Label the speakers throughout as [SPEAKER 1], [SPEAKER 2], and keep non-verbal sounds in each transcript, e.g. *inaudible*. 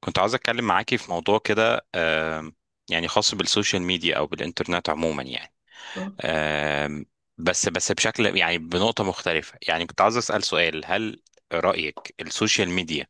[SPEAKER 1] كنت عاوز اتكلم معاكي في موضوع كده، يعني خاص بالسوشيال ميديا او بالانترنت عموما يعني.
[SPEAKER 2] آه،
[SPEAKER 1] آم، بس بشكل يعني بنقطة مختلفة. يعني كنت عاوز اسأل سؤال: هل رأيك السوشيال ميديا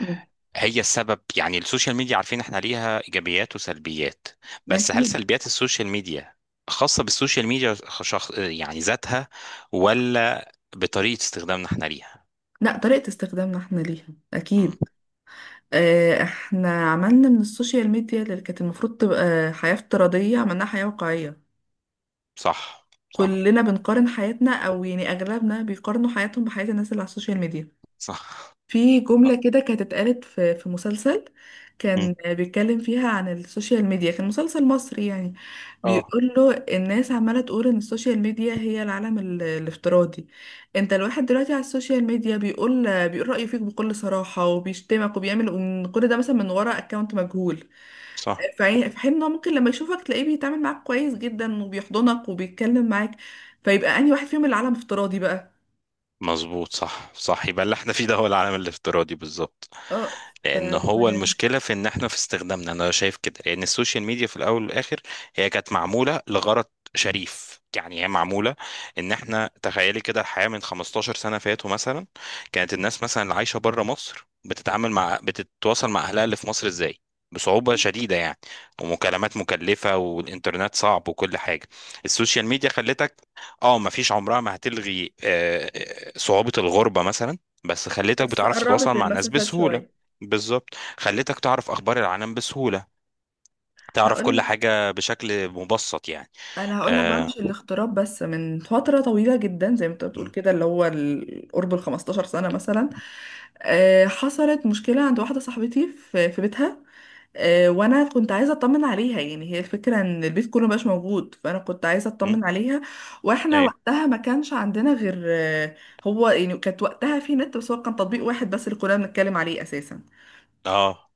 [SPEAKER 2] آه،
[SPEAKER 1] هي السبب؟ يعني السوشيال ميديا عارفين احنا ليها ايجابيات وسلبيات، بس هل
[SPEAKER 2] أكيد.
[SPEAKER 1] سلبيات السوشيال ميديا خاصة بالسوشيال ميديا، شخص يعني ذاتها، ولا بطريقة استخدامنا احنا ليها؟
[SPEAKER 2] لا، طريقة استخدامنا احنا ليها.
[SPEAKER 1] مم،
[SPEAKER 2] أكيد. احنا عملنا من السوشيال ميديا اللي كانت المفروض تبقى حياة افتراضية، عملناها حياة واقعية.
[SPEAKER 1] صح، صح،
[SPEAKER 2] كلنا بنقارن حياتنا، أو يعني أغلبنا بيقارنوا حياتهم بحياة الناس اللي على السوشيال ميديا.
[SPEAKER 1] صح،
[SPEAKER 2] في
[SPEAKER 1] صح،
[SPEAKER 2] جملة كده كانت اتقالت في مسلسل،
[SPEAKER 1] مم،
[SPEAKER 2] كان بيتكلم فيها عن السوشيال ميديا، كان مسلسل مصري يعني.
[SPEAKER 1] اه،
[SPEAKER 2] بيقول له الناس عمالة تقول ان السوشيال ميديا هي العالم الافتراضي. انت الواحد دلوقتي على السوشيال ميديا بيقول رأيه فيك بكل صراحة، وبيشتمك وبيعمل، وإن كل ده مثلا من ورا اكونت مجهول.
[SPEAKER 1] صح،
[SPEAKER 2] في حين ان هو ممكن لما يشوفك تلاقيه بيتعامل معاك كويس جدا، وبيحضنك وبيتكلم معاك. فيبقى انهي واحد فيهم العالم افتراضي بقى؟
[SPEAKER 1] مظبوط، صح، صح. يبقى اللي احنا فيه ده هو العالم الافتراضي بالظبط.
[SPEAKER 2] اه. ف...
[SPEAKER 1] لان
[SPEAKER 2] ف...
[SPEAKER 1] هو المشكله في ان احنا في استخدامنا، انا شايف كده، لان السوشيال ميديا في الاول والاخر هي كانت معموله لغرض شريف، يعني هي معموله، ان احنا تخيلي كده الحياه من 15 سنه فاتوا مثلا. كانت الناس مثلا اللي عايشه بره مصر بتتعامل مع، بتتواصل مع اهلها اللي في مصر ازاي؟ بصعوبة شديدة يعني، ومكالمات مكلفة والإنترنت صعب وكل حاجة. السوشيال ميديا خلتك، اه مفيش، عمرها ما هتلغي صعوبة الغربة مثلا، بس خلتك
[SPEAKER 2] بس
[SPEAKER 1] بتعرف تتواصل
[SPEAKER 2] قربت
[SPEAKER 1] مع ناس
[SPEAKER 2] المسافات
[SPEAKER 1] بسهولة.
[SPEAKER 2] شوية.
[SPEAKER 1] بالظبط، خلتك تعرف اخبار العالم بسهوله، تعرف كل
[SPEAKER 2] هقول
[SPEAKER 1] حاجه بشكل مبسط يعني.
[SPEAKER 2] انا هقول لك بقى،
[SPEAKER 1] آه.
[SPEAKER 2] مش الاغتراب بس، من فتره طويله جدا زي ما انت بتقول
[SPEAKER 1] م-
[SPEAKER 2] كده، اللي هو قرب ال 15 سنه مثلا. حصلت مشكله عند واحده صاحبتي في بيتها. وانا كنت عايزه اطمن عليها، يعني هي الفكره ان البيت كله مبقاش موجود، فانا كنت عايزه
[SPEAKER 1] م-
[SPEAKER 2] اطمن عليها. واحنا
[SPEAKER 1] ايوه،
[SPEAKER 2] وقتها ما كانش عندنا غير هو، يعني كانت وقتها في نت، بس هو كان تطبيق واحد بس اللي كنا بنتكلم عليه اساسا.
[SPEAKER 1] اه،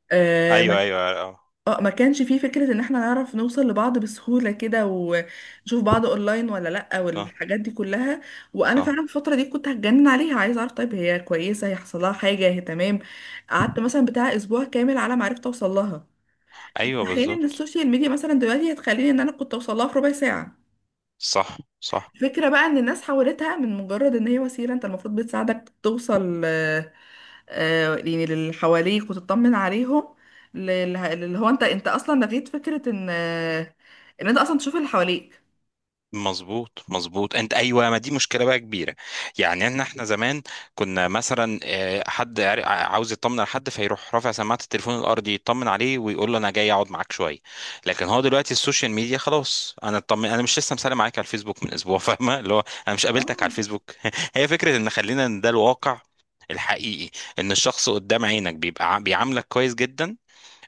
[SPEAKER 1] ايوه، ايوه، اه،
[SPEAKER 2] اه، ما كانش فيه فكرة ان احنا نعرف نوصل لبعض بسهولة كده، ونشوف بعض اونلاين ولا لأ،
[SPEAKER 1] آه،
[SPEAKER 2] والحاجات دي كلها. وانا فعلا
[SPEAKER 1] صح،
[SPEAKER 2] الفترة دي كنت هتجنن عليها، عايزة اعرف طيب هي كويسة، هيحصل لها حاجة، هي تمام. قعدت مثلا بتاع اسبوع كامل على ما عرفت اوصل لها. في
[SPEAKER 1] ايوه،
[SPEAKER 2] حين ان
[SPEAKER 1] بالظبط،
[SPEAKER 2] السوشيال ميديا مثلا دلوقتي هتخليني ان انا كنت اوصل لها في ربع ساعة.
[SPEAKER 1] صح، صح،
[SPEAKER 2] الفكرة بقى ان الناس حولتها من مجرد ان هي وسيلة انت المفروض بتساعدك توصل، يعني اللي حواليك وتطمن عليهم، اللي هو انت اصلا لغيت فكرة ان ان انت اصلا تشوف اللي حواليك.
[SPEAKER 1] مظبوط، مظبوط، انت ايوه، ما دي مشكله بقى كبيره. يعني ان احنا زمان كنا مثلا حد عاوز يطمن على حد، فيروح رافع سماعه التليفون الارضي يطمن عليه ويقول له انا جاي اقعد معاك شويه. لكن هو دلوقتي السوشيال ميديا خلاص، انا اطمن انا مش لسه مسالم معاك على الفيسبوك من اسبوع *laughs* فاهمه، اللي هو انا مش
[SPEAKER 2] اه.
[SPEAKER 1] قابلتك على الفيسبوك *laughs* هي فكره ان خلينا ان ده الواقع الحقيقي، ان الشخص قدام عينك بيبقى بيعاملك كويس جدا،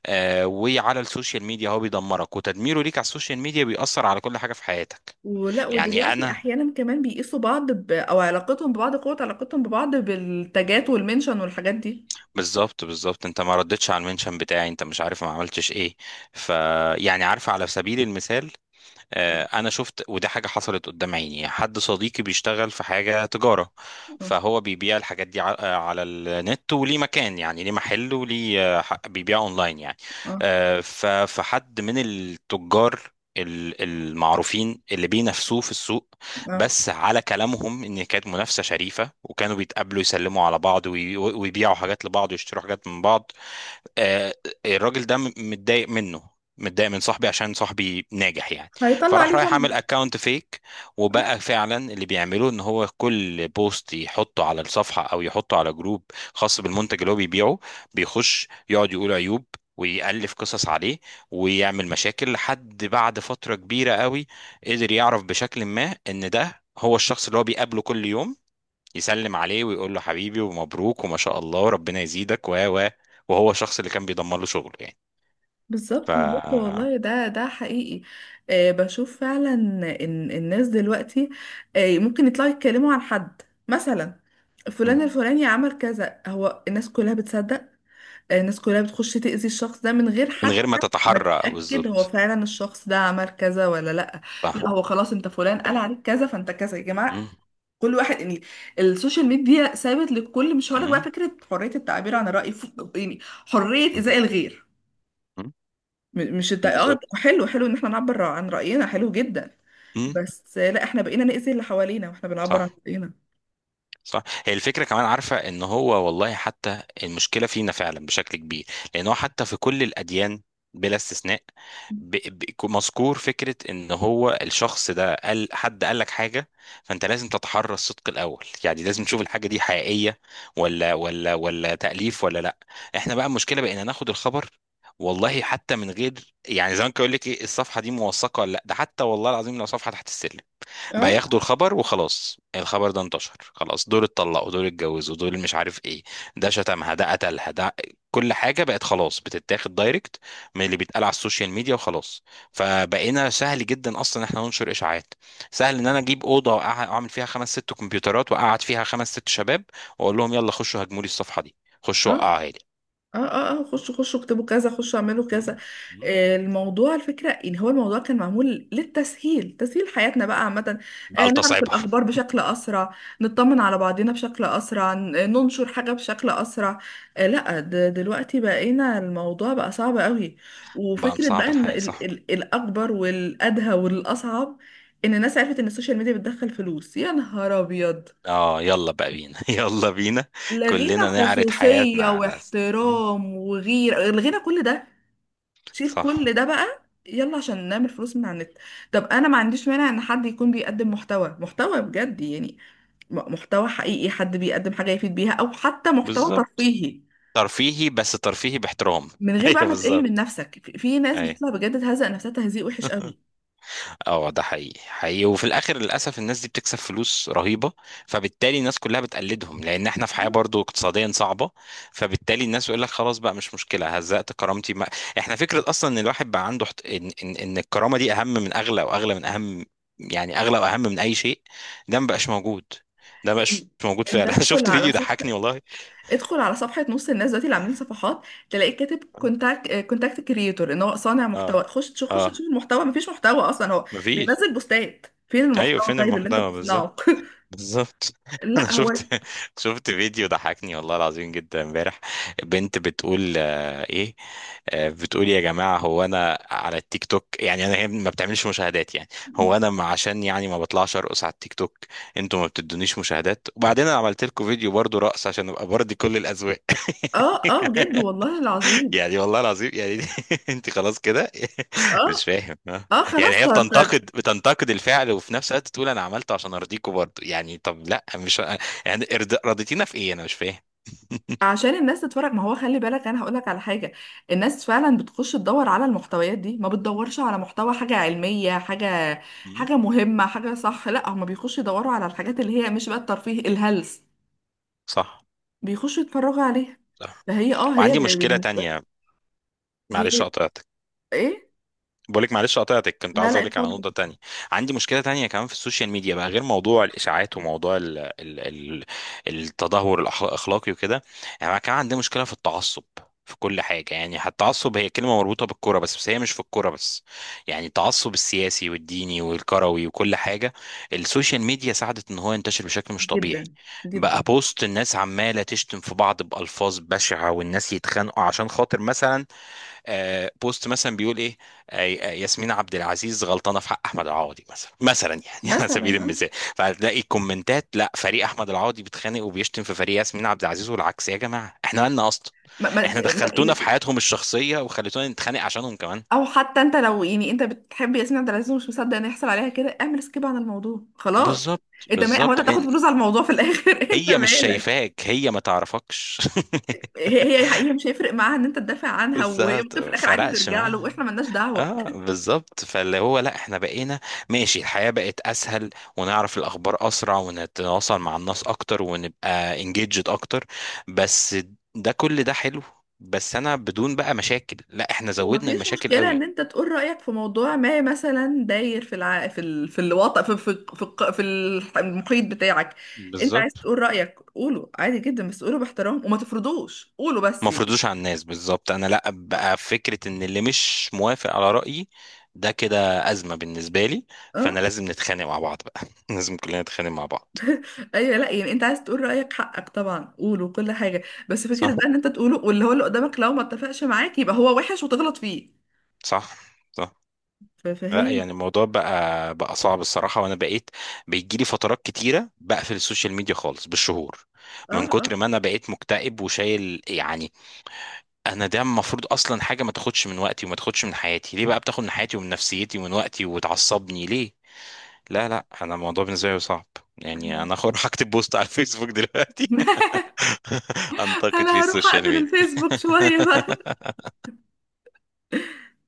[SPEAKER 1] وعلى السوشيال ميديا هو بيدمرك، وتدميره ليك على السوشيال ميديا بيأثر على كل حاجه في حياتك.
[SPEAKER 2] ولا،
[SPEAKER 1] يعني
[SPEAKER 2] ودلوقتي
[SPEAKER 1] انا،
[SPEAKER 2] احيانا كمان بيقيسوا بعض او علاقتهم ببعض، قوة علاقتهم ببعض بالتاجات والمنشن والحاجات دي.
[SPEAKER 1] بالظبط بالظبط، انت ما ردتش على المنشن بتاعي، انت مش عارف ما عملتش ايه. ف، يعني عارف، على سبيل المثال، انا شفت، وده حاجه حصلت قدام عيني، حد صديقي بيشتغل في حاجه تجاره،
[SPEAKER 2] اه
[SPEAKER 1] فهو بيبيع الحاجات دي على النت، وليه مكان، يعني ليه محل، وليه بيبيع اونلاين يعني.
[SPEAKER 2] اه
[SPEAKER 1] فحد من التجار المعروفين اللي بينافسوه في السوق،
[SPEAKER 2] اه
[SPEAKER 1] بس على كلامهم ان كانت منافسه شريفه، وكانوا بيتقابلوا يسلموا على بعض ويبيعوا حاجات لبعض ويشتروا حاجات من بعض. آه، الراجل ده متضايق منه، متضايق من صاحبي عشان صاحبي ناجح يعني.
[SPEAKER 2] هيطلع
[SPEAKER 1] فراح
[SPEAKER 2] عليه
[SPEAKER 1] رايح
[SPEAKER 2] شمع.
[SPEAKER 1] عامل اكونت فيك، وبقى فعلا اللي بيعملوه ان هو كل بوست يحطه على الصفحة او يحطه على جروب خاص بالمنتج اللي هو بيبيعه، بيخش يقعد يقول عيوب ويألف قصص عليه ويعمل مشاكل. لحد بعد فترة كبيرة قوي قدر يعرف بشكل ما ان ده هو الشخص اللي هو بيقابله كل يوم، يسلم عليه ويقول له حبيبي ومبروك وما شاء الله وربنا يزيدك و، وهو الشخص اللي كان بيضمن له شغل يعني. ف،
[SPEAKER 2] بالظبط، بالظبط، والله ده حقيقي. آه، بشوف فعلا ان الناس دلوقتي آه، ممكن يطلعوا يتكلموا عن حد مثلا، فلان
[SPEAKER 1] مم.
[SPEAKER 2] الفلاني عمل كذا، هو الناس كلها بتصدق. الناس كلها بتخش تأذي الشخص ده من غير
[SPEAKER 1] من غير ما
[SPEAKER 2] حتى ما
[SPEAKER 1] تتحرى
[SPEAKER 2] تتأكد هو
[SPEAKER 1] بالظبط.
[SPEAKER 2] فعلا الشخص ده عمل كذا ولا لا.
[SPEAKER 1] صح،
[SPEAKER 2] لا هو خلاص، انت فلان قال عليك كذا فانت كذا يا
[SPEAKER 1] مم،
[SPEAKER 2] جماعة. كل واحد يعني. السوشيال ميديا سابت للكل، مش هقولك بقى
[SPEAKER 1] مم،
[SPEAKER 2] فكرة حرية التعبير عن الرأي، يعني حرية
[SPEAKER 1] مم،
[SPEAKER 2] إيذاء الغير.
[SPEAKER 1] مم،
[SPEAKER 2] مش
[SPEAKER 1] بالظبط،
[SPEAKER 2] حلو ان احنا نعبر عن رأينا، حلو جدا.
[SPEAKER 1] مم،
[SPEAKER 2] بس لا، احنا بقينا نأذي اللي حوالينا واحنا بنعبر عن
[SPEAKER 1] صح،
[SPEAKER 2] رأينا.
[SPEAKER 1] صح. هي الفكرة كمان، عارفة ان هو والله حتى المشكلة فينا فعلا بشكل كبير، لان هو حتى في كل الاديان بلا استثناء، ب... ب... مذكور فكرة ان هو الشخص ده قال، حد قال لك حاجة، فانت لازم تتحرى الصدق الاول. يعني لازم تشوف الحاجة دي حقيقية ولا تأليف ولا لا. احنا بقى المشكلة بقينا ناخد الخبر، والله حتى من غير يعني، زمان كان يقول لك ايه الصفحة دي موثقة ولا لا، ده حتى والله العظيم لو صفحة تحت السلم بقى
[SPEAKER 2] اه
[SPEAKER 1] ياخدوا الخبر وخلاص. الخبر ده انتشر خلاص، دول اتطلقوا، دول اتجوزوا، دول مش عارف ايه، ده شتمها، ده قتلها، ده كل حاجة بقت خلاص بتتاخد دايركت من اللي بيتقال على السوشيال ميديا وخلاص. فبقينا سهل جدا اصلا ان احنا ننشر اشاعات. سهل ان انا اجيب اوضة واعمل فيها خمس ست كمبيوترات، واقعد فيها خمس ست شباب، واقول لهم يلا خشوا هجموا لي الصفحة دي،
[SPEAKER 2] اه
[SPEAKER 1] خشوا وقعوها لي.
[SPEAKER 2] اه، اه اه، خشوا اكتبوا كذا، خشوا اعملوا كذا.
[SPEAKER 1] مم، مم.
[SPEAKER 2] الموضوع، الفكرة ان هو الموضوع كان معمول للتسهيل، تسهيل حياتنا بقى عامة.
[SPEAKER 1] بقى
[SPEAKER 2] نعرف
[SPEAKER 1] لتصعبها.
[SPEAKER 2] الاخبار بشكل اسرع، نطمن على بعضنا بشكل اسرع، ننشر حاجة بشكل اسرع. لا، دلوقتي بقينا الموضوع بقى صعب قوي.
[SPEAKER 1] بقى
[SPEAKER 2] وفكرة
[SPEAKER 1] مصعب
[SPEAKER 2] بقى ان
[SPEAKER 1] الحياة، صح.
[SPEAKER 2] الاكبر والادهى والاصعب، ان الناس عرفت ان السوشيال ميديا بتدخل فلوس. يا نهار ابيض،
[SPEAKER 1] اه يلا بقى بينا *laughs* يلا بينا.
[SPEAKER 2] لغينا
[SPEAKER 1] كلنا نعرض حياتنا
[SPEAKER 2] خصوصية
[SPEAKER 1] على مم.
[SPEAKER 2] واحترام وغيرة، لغينا كل ده. شيل
[SPEAKER 1] صح،
[SPEAKER 2] كل ده بقى، يلا عشان نعمل فلوس من على النت. طب انا ما عنديش مانع ان حد يكون بيقدم محتوى بجد يعني، محتوى حقيقي، حد بيقدم حاجة يفيد بيها، او حتى محتوى
[SPEAKER 1] بالظبط.
[SPEAKER 2] ترفيهي.
[SPEAKER 1] ترفيهي، بس ترفيهي باحترام
[SPEAKER 2] من
[SPEAKER 1] *laughs*
[SPEAKER 2] غير بقى
[SPEAKER 1] ايوه
[SPEAKER 2] ما تقل من
[SPEAKER 1] بالظبط.
[SPEAKER 2] نفسك، في ناس
[SPEAKER 1] ايوه
[SPEAKER 2] بتطلع بجد تهزق نفسها تهزيق وحش قوي.
[SPEAKER 1] *laughs* اه ده حقيقي حقيقي. وفي الاخر للاسف الناس دي بتكسب فلوس رهيبه، فبالتالي الناس كلها بتقلدهم، لان احنا في حياه برضو اقتصاديا صعبه، فبالتالي الناس يقول لك خلاص بقى، مش مشكله هزقت كرامتي ما. احنا فكره اصلا ان الواحد بقى عنده ان الكرامه دي اهم من اغلى، واغلى من اهم، يعني اغلى واهم من اي شيء، ده ما بقاش موجود. ده ما
[SPEAKER 2] إن-
[SPEAKER 1] بقاش موجود
[SPEAKER 2] انت
[SPEAKER 1] فعلا *laughs*
[SPEAKER 2] ادخل
[SPEAKER 1] شفت
[SPEAKER 2] على
[SPEAKER 1] فيديو
[SPEAKER 2] صفحة،
[SPEAKER 1] ضحكني والله.
[SPEAKER 2] ادخل على صفحة نص الناس دلوقتي اللي عاملين صفحات، تلاقيك كاتب كونتاكت كريتور، ان هو صانع محتوى.
[SPEAKER 1] اه،
[SPEAKER 2] خش
[SPEAKER 1] اه،
[SPEAKER 2] تشوف المحتوى، مفيش محتوى اصلا. هو
[SPEAKER 1] مفيش.
[SPEAKER 2] بينزل بوستات، فين
[SPEAKER 1] ايوه
[SPEAKER 2] المحتوى
[SPEAKER 1] فين
[SPEAKER 2] طيب اللي انت
[SPEAKER 1] المحتوى بالظبط.
[SPEAKER 2] بتصنعه؟ *laughs*
[SPEAKER 1] بالظبط *laughs* انا
[SPEAKER 2] لا هو،
[SPEAKER 1] شفت، شفت فيديو ضحكني والله العظيم جدا امبارح. بنت بتقول ايه، بتقول يا جماعه، هو انا على التيك توك، يعني انا هي ما بتعملش مشاهدات يعني، هو انا عشان يعني ما بطلعش ارقص على التيك توك، انتوا ما بتدونيش مشاهدات، وبعدين انا عملت لكم فيديو برضو رقص عشان ابقى برضي كل الاذواق
[SPEAKER 2] اه اه بجد
[SPEAKER 1] *laughs*
[SPEAKER 2] والله العظيم.
[SPEAKER 1] يعني والله العظيم يعني *laughs* انت خلاص كده
[SPEAKER 2] اه
[SPEAKER 1] *laughs* مش فاهم ها.
[SPEAKER 2] اه، خلاص.
[SPEAKER 1] يعني هي
[SPEAKER 2] طب،
[SPEAKER 1] بتنتقد، بتنتقد الفعل، وفي نفس الوقت تقول انا عملته عشان ارضيكوا برضه، يعني طب لا مش يعني رضيتينا في ايه؟ انا مش فاهم.
[SPEAKER 2] عشان الناس تتفرج. ما هو خلي بالك، انا هقول لك على حاجه، الناس فعلا بتخش تدور على المحتويات دي، ما بتدورش على محتوى، حاجه علميه، حاجه،
[SPEAKER 1] مم،
[SPEAKER 2] حاجه مهمه، حاجه صح. لا، هم بيخشوا يدوروا على الحاجات اللي هي مش بقى الترفيه الهلس،
[SPEAKER 1] صح،
[SPEAKER 2] بيخشوا يتفرجوا عليها.
[SPEAKER 1] صح.
[SPEAKER 2] فهي اه، هي
[SPEAKER 1] وعندي مشكلة
[SPEAKER 2] بالنسبه،
[SPEAKER 1] تانية.
[SPEAKER 2] هي
[SPEAKER 1] معلش قطعتك،
[SPEAKER 2] ايه؟
[SPEAKER 1] بقولك معلش قطعتك، كنت
[SPEAKER 2] لا
[SPEAKER 1] عاوز
[SPEAKER 2] لا،
[SPEAKER 1] اقولك على
[SPEAKER 2] اتفضل.
[SPEAKER 1] نقطة تانية. عندي مشكلة تانية كمان في السوشيال ميديا بقى غير موضوع الإشاعات وموضوع ال التدهور الأخلاقي وكده. يعني أنا كمان عندي مشكلة في التعصب في كل حاجة، يعني حتى التعصب هي كلمة مربوطة بالكرة، بس هي مش في الكرة بس. يعني التعصب السياسي والديني والكروي وكل حاجة، السوشيال ميديا ساعدت ان هو ينتشر بشكل مش طبيعي.
[SPEAKER 2] جدا،
[SPEAKER 1] بقى
[SPEAKER 2] جدا.
[SPEAKER 1] بوست، الناس عمالة تشتم في بعض بألفاظ بشعة، والناس يتخانقوا عشان خاطر مثلا بوست مثلا بيقول ايه. ياسمين عبد العزيز غلطانه في حق احمد العوضي، مثلا يعني *laughs* على سبيل
[SPEAKER 2] مثلا. اه.
[SPEAKER 1] المثال. فهتلاقي كومنتات، لا فريق احمد العوضي بيتخانق وبيشتم في فريق ياسمين عبد العزيز والعكس. يا جماعه احنا مالنا اصلا،
[SPEAKER 2] ما ما
[SPEAKER 1] احنا
[SPEAKER 2] ما-
[SPEAKER 1] دخلتونا في حياتهم الشخصيه وخليتونا نتخانق عشانهم كمان.
[SPEAKER 2] او حتى انت لو، يعني انت بتحب ياسمين عبد العزيز ومش مصدق ان يحصل عليها كده، اعمل سكيب عن الموضوع خلاص.
[SPEAKER 1] بالظبط،
[SPEAKER 2] انت ما هو انت
[SPEAKER 1] بالظبط،
[SPEAKER 2] هتاخد
[SPEAKER 1] لأن
[SPEAKER 2] فلوس على الموضوع في الاخر. *laughs* انت
[SPEAKER 1] هي مش
[SPEAKER 2] مالك؟
[SPEAKER 1] شايفاك، هي ما تعرفكش
[SPEAKER 2] هي مش هيفرق معاها ان انت تدافع
[SPEAKER 1] *laughs*
[SPEAKER 2] عنها، وهي
[SPEAKER 1] بالظبط
[SPEAKER 2] ممكن في الاخر عادي
[SPEAKER 1] فرقش
[SPEAKER 2] ترجع له
[SPEAKER 1] معاها.
[SPEAKER 2] واحنا ملناش دعوه.
[SPEAKER 1] اه بالظبط، فاللي هو لا احنا بقينا، ماشي، الحياة بقت اسهل ونعرف الاخبار اسرع ونتواصل مع الناس اكتر ونبقى انجيجد اكتر، بس ده كل ده حلو، بس انا بدون بقى مشاكل، لا احنا زودنا
[SPEAKER 2] ومفيش
[SPEAKER 1] المشاكل
[SPEAKER 2] مشكله ان
[SPEAKER 1] قوي.
[SPEAKER 2] انت تقول رايك في موضوع ما، مثلا داير في الوطن، في المحيط بتاعك. انت عايز
[SPEAKER 1] بالظبط،
[SPEAKER 2] تقول رايك، قوله عادي جدا، بس قوله باحترام وما تفرضوش قوله
[SPEAKER 1] ما
[SPEAKER 2] بس.
[SPEAKER 1] فرضوش على الناس بالظبط. انا لا بقى فكرة ان اللي مش موافق على رأيي ده، كده ازمة بالنسبة لي، فانا
[SPEAKER 2] اه،
[SPEAKER 1] لازم نتخانق مع بعض بقى *laughs* لازم كلنا نتخانق مع بعض.
[SPEAKER 2] ايوه، لا، يعني انت عايز تقول رايك حقك طبعا، قوله كل حاجه. بس فكره
[SPEAKER 1] صح،
[SPEAKER 2] بقى ان انت تقوله، واللي هو اللي قدامك لو ما اتفقش معاك يبقى هو وحش وتغلط فيه.
[SPEAKER 1] صح، صح. لا
[SPEAKER 2] فهي
[SPEAKER 1] يعني الموضوع بقى صعب الصراحة. وأنا بقيت بيجيلي فترات كتيرة بقفل السوشيال ميديا خالص بالشهور،
[SPEAKER 2] اه.
[SPEAKER 1] من
[SPEAKER 2] اه.
[SPEAKER 1] كتر ما أنا بقيت مكتئب وشايل يعني. أنا ده المفروض أصلا حاجة ما تاخدش من وقتي وما تاخدش من حياتي، ليه بقى بتاخد من حياتي ومن نفسيتي ومن وقتي وتعصبني ليه؟ لا لا، أنا الموضوع بالنسبة لي صعب. يعني
[SPEAKER 2] انا
[SPEAKER 1] أنا أخر هكتب بوست على الفيسبوك دلوقتي
[SPEAKER 2] *laughs*
[SPEAKER 1] *laughs* أنتقد في
[SPEAKER 2] انا هروح
[SPEAKER 1] السوشيال
[SPEAKER 2] اقفل
[SPEAKER 1] ميديا
[SPEAKER 2] الفيسبوك شويه بقى.
[SPEAKER 1] *laughs*